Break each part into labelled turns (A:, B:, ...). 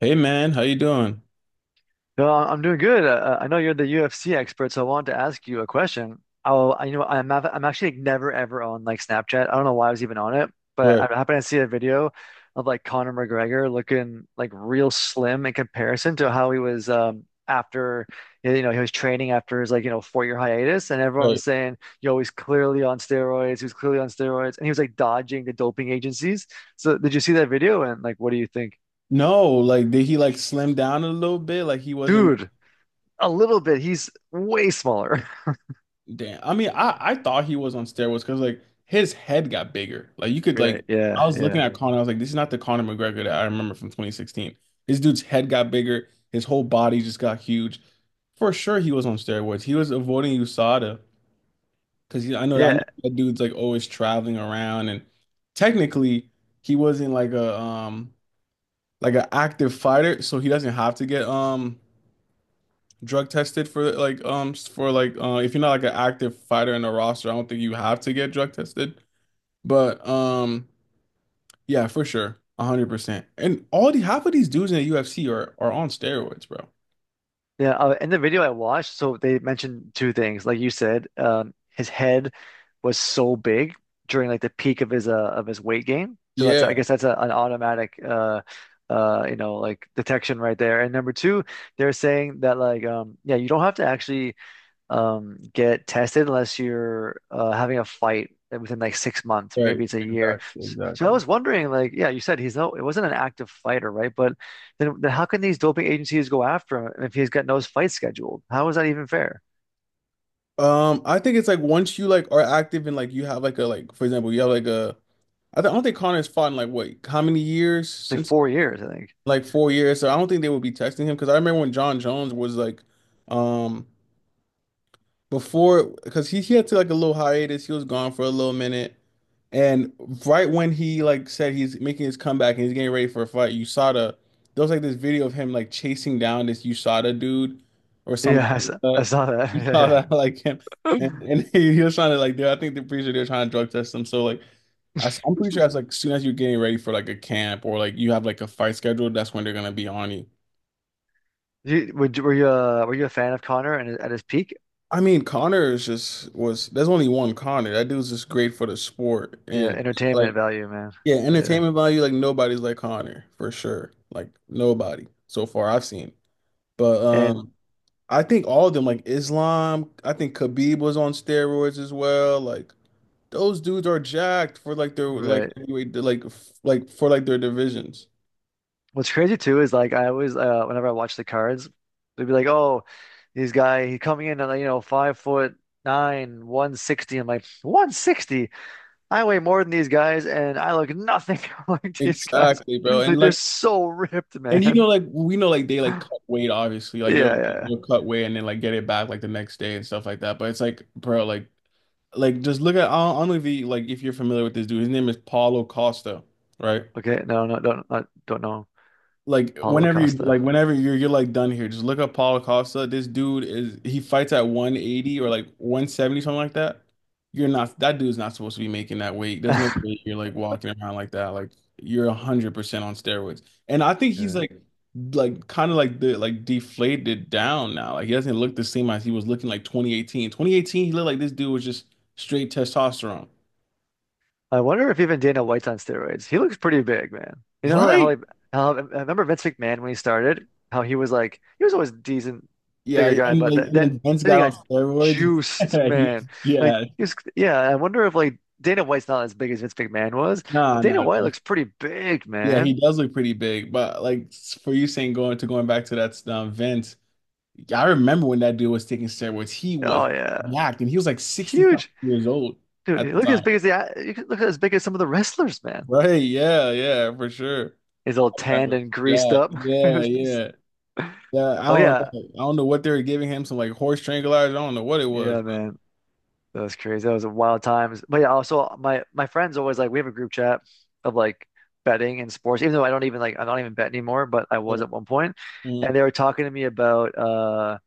A: Hey man, how you doing?
B: No, am doing good. I know you're the UFC expert, so I wanted to ask you a question. I'm actually never ever on like Snapchat. I don't know why I was even on it, but I
A: Right,
B: happened to see a video of like Conor McGregor looking like real slim in comparison to how he was after he was training after his like 4 year hiatus, and everyone was
A: right.
B: saying, "Yo, he's clearly on steroids. He was clearly on steroids," and he was like dodging the doping agencies. So, did you see that video? And like, what do you think,
A: No, like did he like slim down a little bit? Like he wasn't.
B: dude? A little bit. He's way smaller.
A: Damn. I mean, I thought he was on steroids because like his head got bigger. Like you could
B: Right.
A: like I
B: Yeah.
A: was looking
B: Yeah.
A: at Conor, I was like, this is not the Conor McGregor that I remember from 2016. This dude's head got bigger, his whole body just got huge. For sure, he was on steroids. He was avoiding USADA because I know
B: Yeah.
A: that dude's like always traveling around and technically he wasn't like a like an active fighter, so he doesn't have to get drug tested for like if you're not like an active fighter in the roster, I don't think you have to get drug tested. But yeah, for sure. 100%. And all the half of these dudes in the UFC are on steroids, bro.
B: Yeah. In the video I watched, so they mentioned two things. Like you said, his head was so big during like the peak of his of his weight gain. So that's I
A: Yeah,
B: guess that's an automatic like detection right there. And number two, they're saying that like yeah you don't have to actually get tested unless you're having a fight within like 6 months or
A: right.
B: maybe it's a year.
A: Exactly,
B: So I
A: exactly.
B: was wondering, like, yeah, you said he's no, it wasn't an active fighter, right? But then how can these doping agencies go after him if he's got no fight scheduled? How is that even fair?
A: I think it's like once you like are active and like you have like a like for example, you have like a I don't think Connor's fought in like what how many years
B: It's like
A: since
B: 4 years, I think.
A: like 4 years. So I don't think they would be texting him because I remember when John Jones was like, um, before because he had to like a little hiatus. He was gone for a little minute, and right when he like said he's making his comeback and he's getting ready for a fight, USADA, there was like this video of him like chasing down this USADA dude or something. Like
B: I
A: that.
B: saw
A: You saw
B: that.
A: that like him.
B: Yeah,
A: And,
B: yeah.
A: and he was trying to like, do I think they're pretty sure they're trying to drug test him. So like, am pretty sure that's like as soon as you're getting ready for like a camp or like you have like a fight scheduled, that's when they're gonna be on you.
B: You, were you were you a fan of Connor and at his peak?
A: I mean, Connor is just was there's only one Connor. That dude's just great for the sport
B: Yeah,
A: and like
B: entertainment value, man.
A: yeah,
B: Yeah,
A: entertainment value, like nobody's like Connor for sure. Like nobody so far I've seen. But
B: and
A: I think all of them, like Islam, I think Khabib was on steroids as well. Like those dudes are jacked for like their like
B: right.
A: anyway like like for like their divisions.
B: What's crazy too is like I always whenever I watch the cards, they'd be like, "Oh, this guy he coming in at like, you know 5 foot nine, 160." I'm like, "160? I weigh more than these guys, and I look nothing like these guys.
A: Exactly, bro. And
B: Like they're
A: like
B: so ripped,
A: and you
B: man."
A: know, like we know, like they like cut weight, obviously.
B: Yeah,
A: Like they'll
B: yeah, yeah.
A: they'll cut weight and then like get it back like the next day and stuff like that. But it's like, bro, like just look at I don't know if you like if you're familiar with this dude. His name is Paulo Costa, right?
B: Okay, don't know
A: Like
B: Paulo
A: whenever you
B: Costa.
A: like whenever you're like done here, just look up Paulo Costa. This dude is he fights at 180 or like 170, something like that. You're not that dude's not supposed to be making that weight. There's no way you're like walking around like that. Like you're 100% on steroids. And I think he's
B: Yeah.
A: like kind of like the like deflated down now. Like he doesn't look the same as he was looking like 2018. 2018, he looked like this dude was just straight testosterone.
B: I wonder if even Dana White's on steroids. He looks pretty big, man. You know how
A: Right?
B: like how I remember Vince McMahon when he started, how he was like he was always a decent,
A: Yeah,
B: bigger guy,
A: and
B: but
A: like
B: th
A: and
B: then
A: then Vince
B: he
A: got on
B: got
A: steroids.
B: juiced,
A: He was,
B: man. Like
A: yeah.
B: he's yeah. I wonder if like Dana White's not as big as Vince McMahon was, but
A: No, no,
B: Dana White
A: no.
B: looks pretty big,
A: Yeah, he
B: man.
A: does look pretty big, but like for you saying going to going back to that Vince, I remember when that dude was taking steroids, he was
B: Oh yeah,
A: yacked and he was like 60 something
B: huge
A: years old at
B: dude.
A: the
B: Look as
A: time.
B: big as the you could look as big as some of the wrestlers, man.
A: Right, yeah, yeah, for sure.
B: He's all
A: That guy
B: tanned
A: was
B: and greased
A: jacked.
B: up. It
A: Yeah,
B: was just-
A: yeah. Yeah, I
B: oh
A: don't
B: yeah,
A: know. I don't know what they were giving him, some like horse tranquilizer. I don't know what it
B: yeah,
A: was.
B: man. That was crazy. That was a wild times. But yeah, also my friends always like we have a group chat of like betting and sports, even though I don't even like I don't even bet anymore, but I
A: But,
B: was at
A: but-
B: one point. And
A: Mhm.
B: they were talking to me about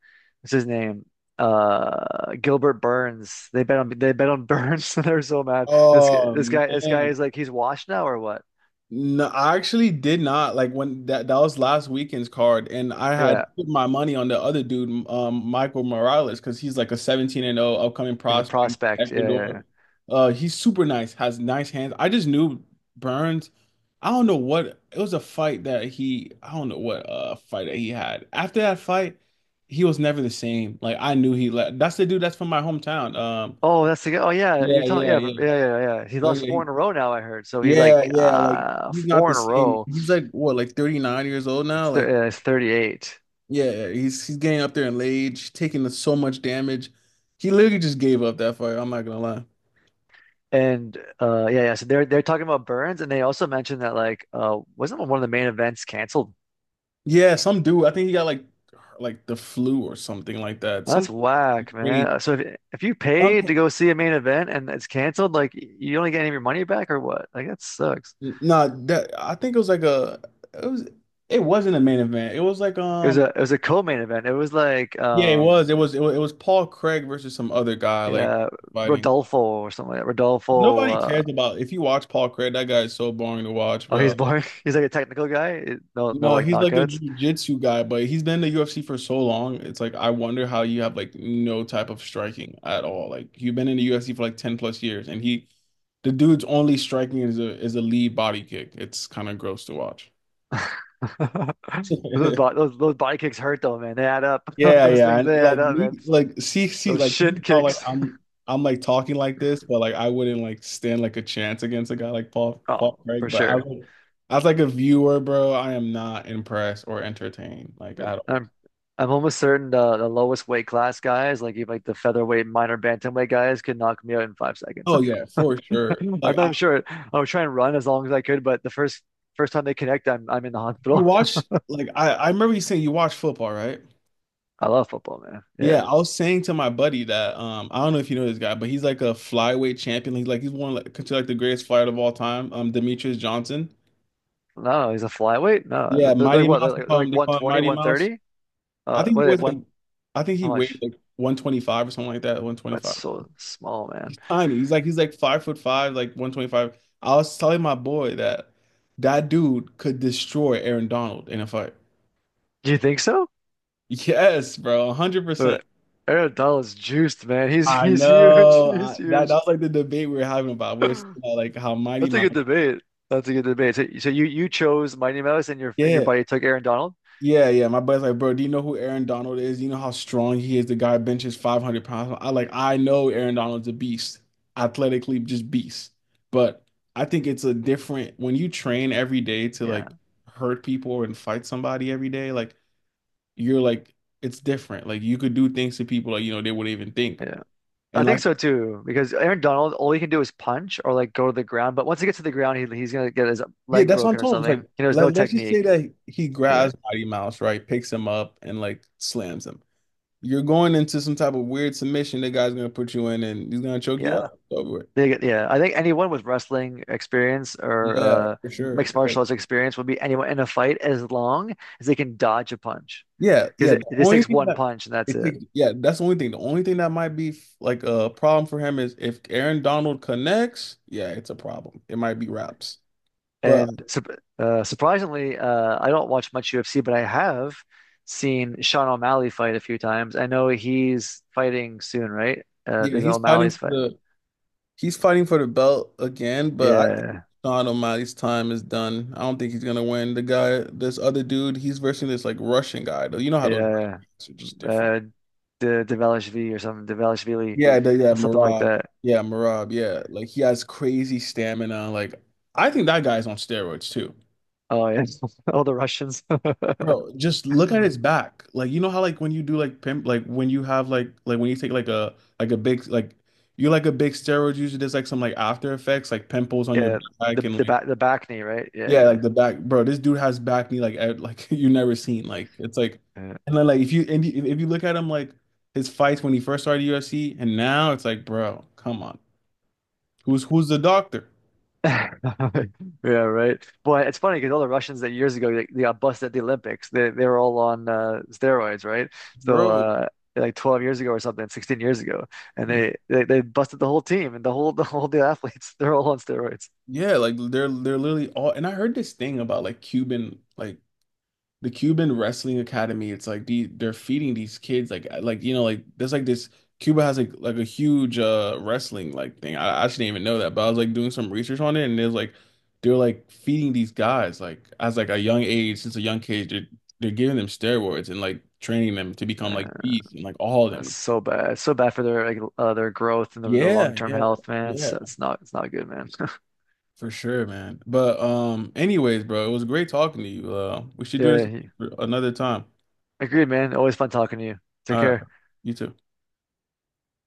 B: what's his name? Gilbert Burns. They bet on Burns and they're so mad.
A: Oh
B: This guy
A: man.
B: is like he's washed now or what?
A: No, I actually did not like when that was last weekend's card, and I had
B: Yeah.
A: put my money on the other dude, Michael Morales, because he's like a 17-0 upcoming
B: He's a
A: prospect,
B: prospect. Yeah, yeah, yeah.
A: Ecuador. He's super nice, has nice hands. I just knew Burns. I don't know what it was a fight that I don't know what fight that he had. After that fight, he was never the same. Like I knew he left. That's the dude that's from my hometown.
B: Oh, that's the guy. Oh, yeah. You're
A: Yeah,
B: telling,
A: yeah,
B: yeah,
A: yeah.
B: from- yeah, yeah, yeah. He
A: Like,
B: lost
A: yeah,
B: four in a row now, I heard. So he's
A: yeah,
B: like,
A: yeah, like he's not
B: four
A: the
B: in a
A: same.
B: row.
A: He's like what, like 39 years old now?
B: It's th
A: Like,
B: yeah, it's 38.
A: yeah, he's getting up there in age, taking so much damage. He literally just gave up that fight, I'm not gonna lie.
B: And yeah, yeah. So they're talking about Burns and they also mentioned that like wasn't one of the main events canceled?
A: Yeah, some dude, I think he got like the flu or something like that.
B: That's
A: Something
B: whack, man.
A: crazy.
B: So if you paid to
A: Something,
B: go see a main event and it's canceled, like you don't get any of your money back or what? Like that sucks.
A: nah, that I think it was like a it was it wasn't a main event. It was like
B: It was a co-main event. It was like
A: yeah, it was. It was Paul Craig versus some other guy like
B: yeah,
A: fighting.
B: Rodolfo or something like that. Rodolfo
A: Nobody
B: uh
A: cares about if you watch Paul Craig, that guy is so boring to watch,
B: oh
A: bro.
B: he's boring. He's like a technical guy. No
A: You
B: no
A: know,
B: like
A: he's like a
B: knockouts.
A: jiu-jitsu guy, but he's been in the UFC for so long. It's like I wonder how you have like no type of striking at all. Like you've been in the UFC for like 10 plus years and he the dude's only striking is a lead body kick. It's kind of gross to watch.
B: Those body kicks hurt though, man. They add up.
A: Yeah,
B: Those
A: yeah.
B: things
A: And
B: they add
A: like
B: up, man.
A: me, like see,
B: Those
A: like
B: shin
A: how like
B: kicks.
A: I'm like talking like this, but like I wouldn't like stand like a chance against a guy like Paul
B: Oh,
A: Craig.
B: for
A: But I
B: sure.
A: was as like a viewer, bro, I am not impressed or entertained like at all.
B: I'm I'm almost certain the lowest weight class guys, like even like the featherweight minor bantamweight guys, could knock me out in 5 seconds.
A: Oh yeah, for sure.
B: I'm
A: Like
B: not even sure. I would try and run as long as I could, but the first time they connect, I'm in the
A: you
B: hospital.
A: watch like I remember you saying you watch football, right?
B: I love football, man.
A: Yeah,
B: Yeah.
A: I was saying to my buddy that I don't know if you know this guy, but he's like a flyweight champion. He's like he's one of, like considered like the greatest fighter of all time, Demetrius Johnson.
B: No, he's a flyweight. No,
A: Yeah,
B: they're
A: Mighty
B: what?
A: Mouse. They
B: They're
A: call him.
B: like
A: They call him
B: 120,
A: Mighty Mouse.
B: 130?
A: I think
B: What?
A: he
B: Are they-
A: was like,
B: One?
A: I think he
B: How
A: weighed
B: much?
A: like 125 or something like that.
B: That's
A: 125.
B: so small, man.
A: He's tiny. He's like 5 foot 5, like 125. I was telling my boy that that dude could destroy Aaron Donald in a fight.
B: Do you think so?
A: Yes, bro, 100%.
B: But Aaron Donald's juiced, man.
A: I
B: He's huge.
A: know.
B: He's
A: That that
B: huge.
A: was like the debate we were having about. We were saying about, like how Mighty
B: That's a
A: Mouse.
B: good debate. That's a good debate. So, you chose Mighty Mouse and your
A: Yeah,
B: buddy took Aaron Donald?
A: yeah, yeah. My buddy's like, bro, do you know who Aaron Donald is? You know how strong he is. The guy benches 500 pounds. I know Aaron Donald's a beast, athletically just beast. But I think it's a different when you train every day to
B: Yeah,
A: like hurt people or and fight somebody every day. Like you're like, it's different. Like you could do things to people like you know they wouldn't even think.
B: yeah. I
A: And
B: think
A: like,
B: so too, because Aaron Donald, all he can do is punch or like go to the ground. But once he gets to the ground, he's gonna get his
A: yeah,
B: leg
A: that's what I'm
B: broken or
A: telling him. It's
B: something.
A: like,
B: He knows no
A: let's just
B: technique.
A: say that he
B: Yeah,
A: grabs Mighty Mouse, right? Picks him up and like slams him. You're going into some type of weird submission that guy's gonna put you in and he's gonna choke you
B: yeah.
A: out. Over with.
B: They get, yeah, I think anyone with wrestling experience or
A: Yeah, for sure.
B: mixed martial arts experience will be anyone in a fight as long as they can dodge a punch,
A: Yeah,
B: because
A: yeah. The
B: it just
A: only
B: takes
A: thing
B: one
A: that
B: punch and that's
A: it
B: it.
A: takes, yeah, that's the only thing. The only thing that might be like a problem for him is if Aaron Donald connects, yeah, it's a problem. It might be wraps. But
B: And sup surprisingly, I don't watch much UFC, but I have seen Sean O'Malley fight a few times. I know he's fighting soon, right?
A: yeah,
B: There's O'Malley's fight.
A: he's fighting for the belt again, but I think
B: Yeah,
A: Sean O'Malley's time is done. I don't think he's gonna win. The guy, this other dude, he's versing this like Russian guy though. You know how those Russian
B: yeah.
A: guys are just different.
B: Uh, De Develishvili or something, Develishvili,
A: Yeah, yeah,
B: something like
A: Marab.
B: that.
A: Yeah, Marab. Yeah, like he has crazy stamina. Like I think that guy's on steroids too,
B: Oh yeah, all the Russians.
A: bro. Just look at his back. Like you know how like when you do like pimp, like when you have like when you take like a big like you're like a big steroid user. There's like some like after effects, like pimples on your
B: Yeah,
A: back and like
B: the back knee, right?
A: yeah,
B: Yeah,
A: like the back, bro. This dude has back knee like like you never seen. Like it's like
B: yeah.
A: and then like if you and if you look at him like his fights when he first started UFC and now it's like, bro, come on. Who's the doctor?
B: Yeah, right. But it's funny because all the Russians that years ago they got busted at the Olympics. They were all on steroids, right? So
A: Bro,
B: like 12 years ago or something, 16 years ago, and they busted the whole team and the whole the whole the athletes. They're all on steroids.
A: yeah, like they're literally all and I heard this thing about like Cuban like the Cuban Wrestling Academy. It's like they're feeding these kids like you know like there's like this Cuba has like a huge wrestling like thing. I actually didn't even know that, but I was like doing some research on it and there's like they're like feeding these guys like as like a young age since a young age they're giving them steroids and like training them to become like
B: Man,
A: beasts and like all of
B: that's
A: them.
B: so bad. It's so bad for their like their growth and their
A: Yeah,
B: long-term
A: yeah,
B: health, man.
A: yeah.
B: It's not good, man.
A: For sure, man. But anyways, bro, it was great talking to you. We should do this
B: Yeah,
A: another time.
B: agreed, man. Always fun talking to you. Take
A: All right.
B: care.
A: You too.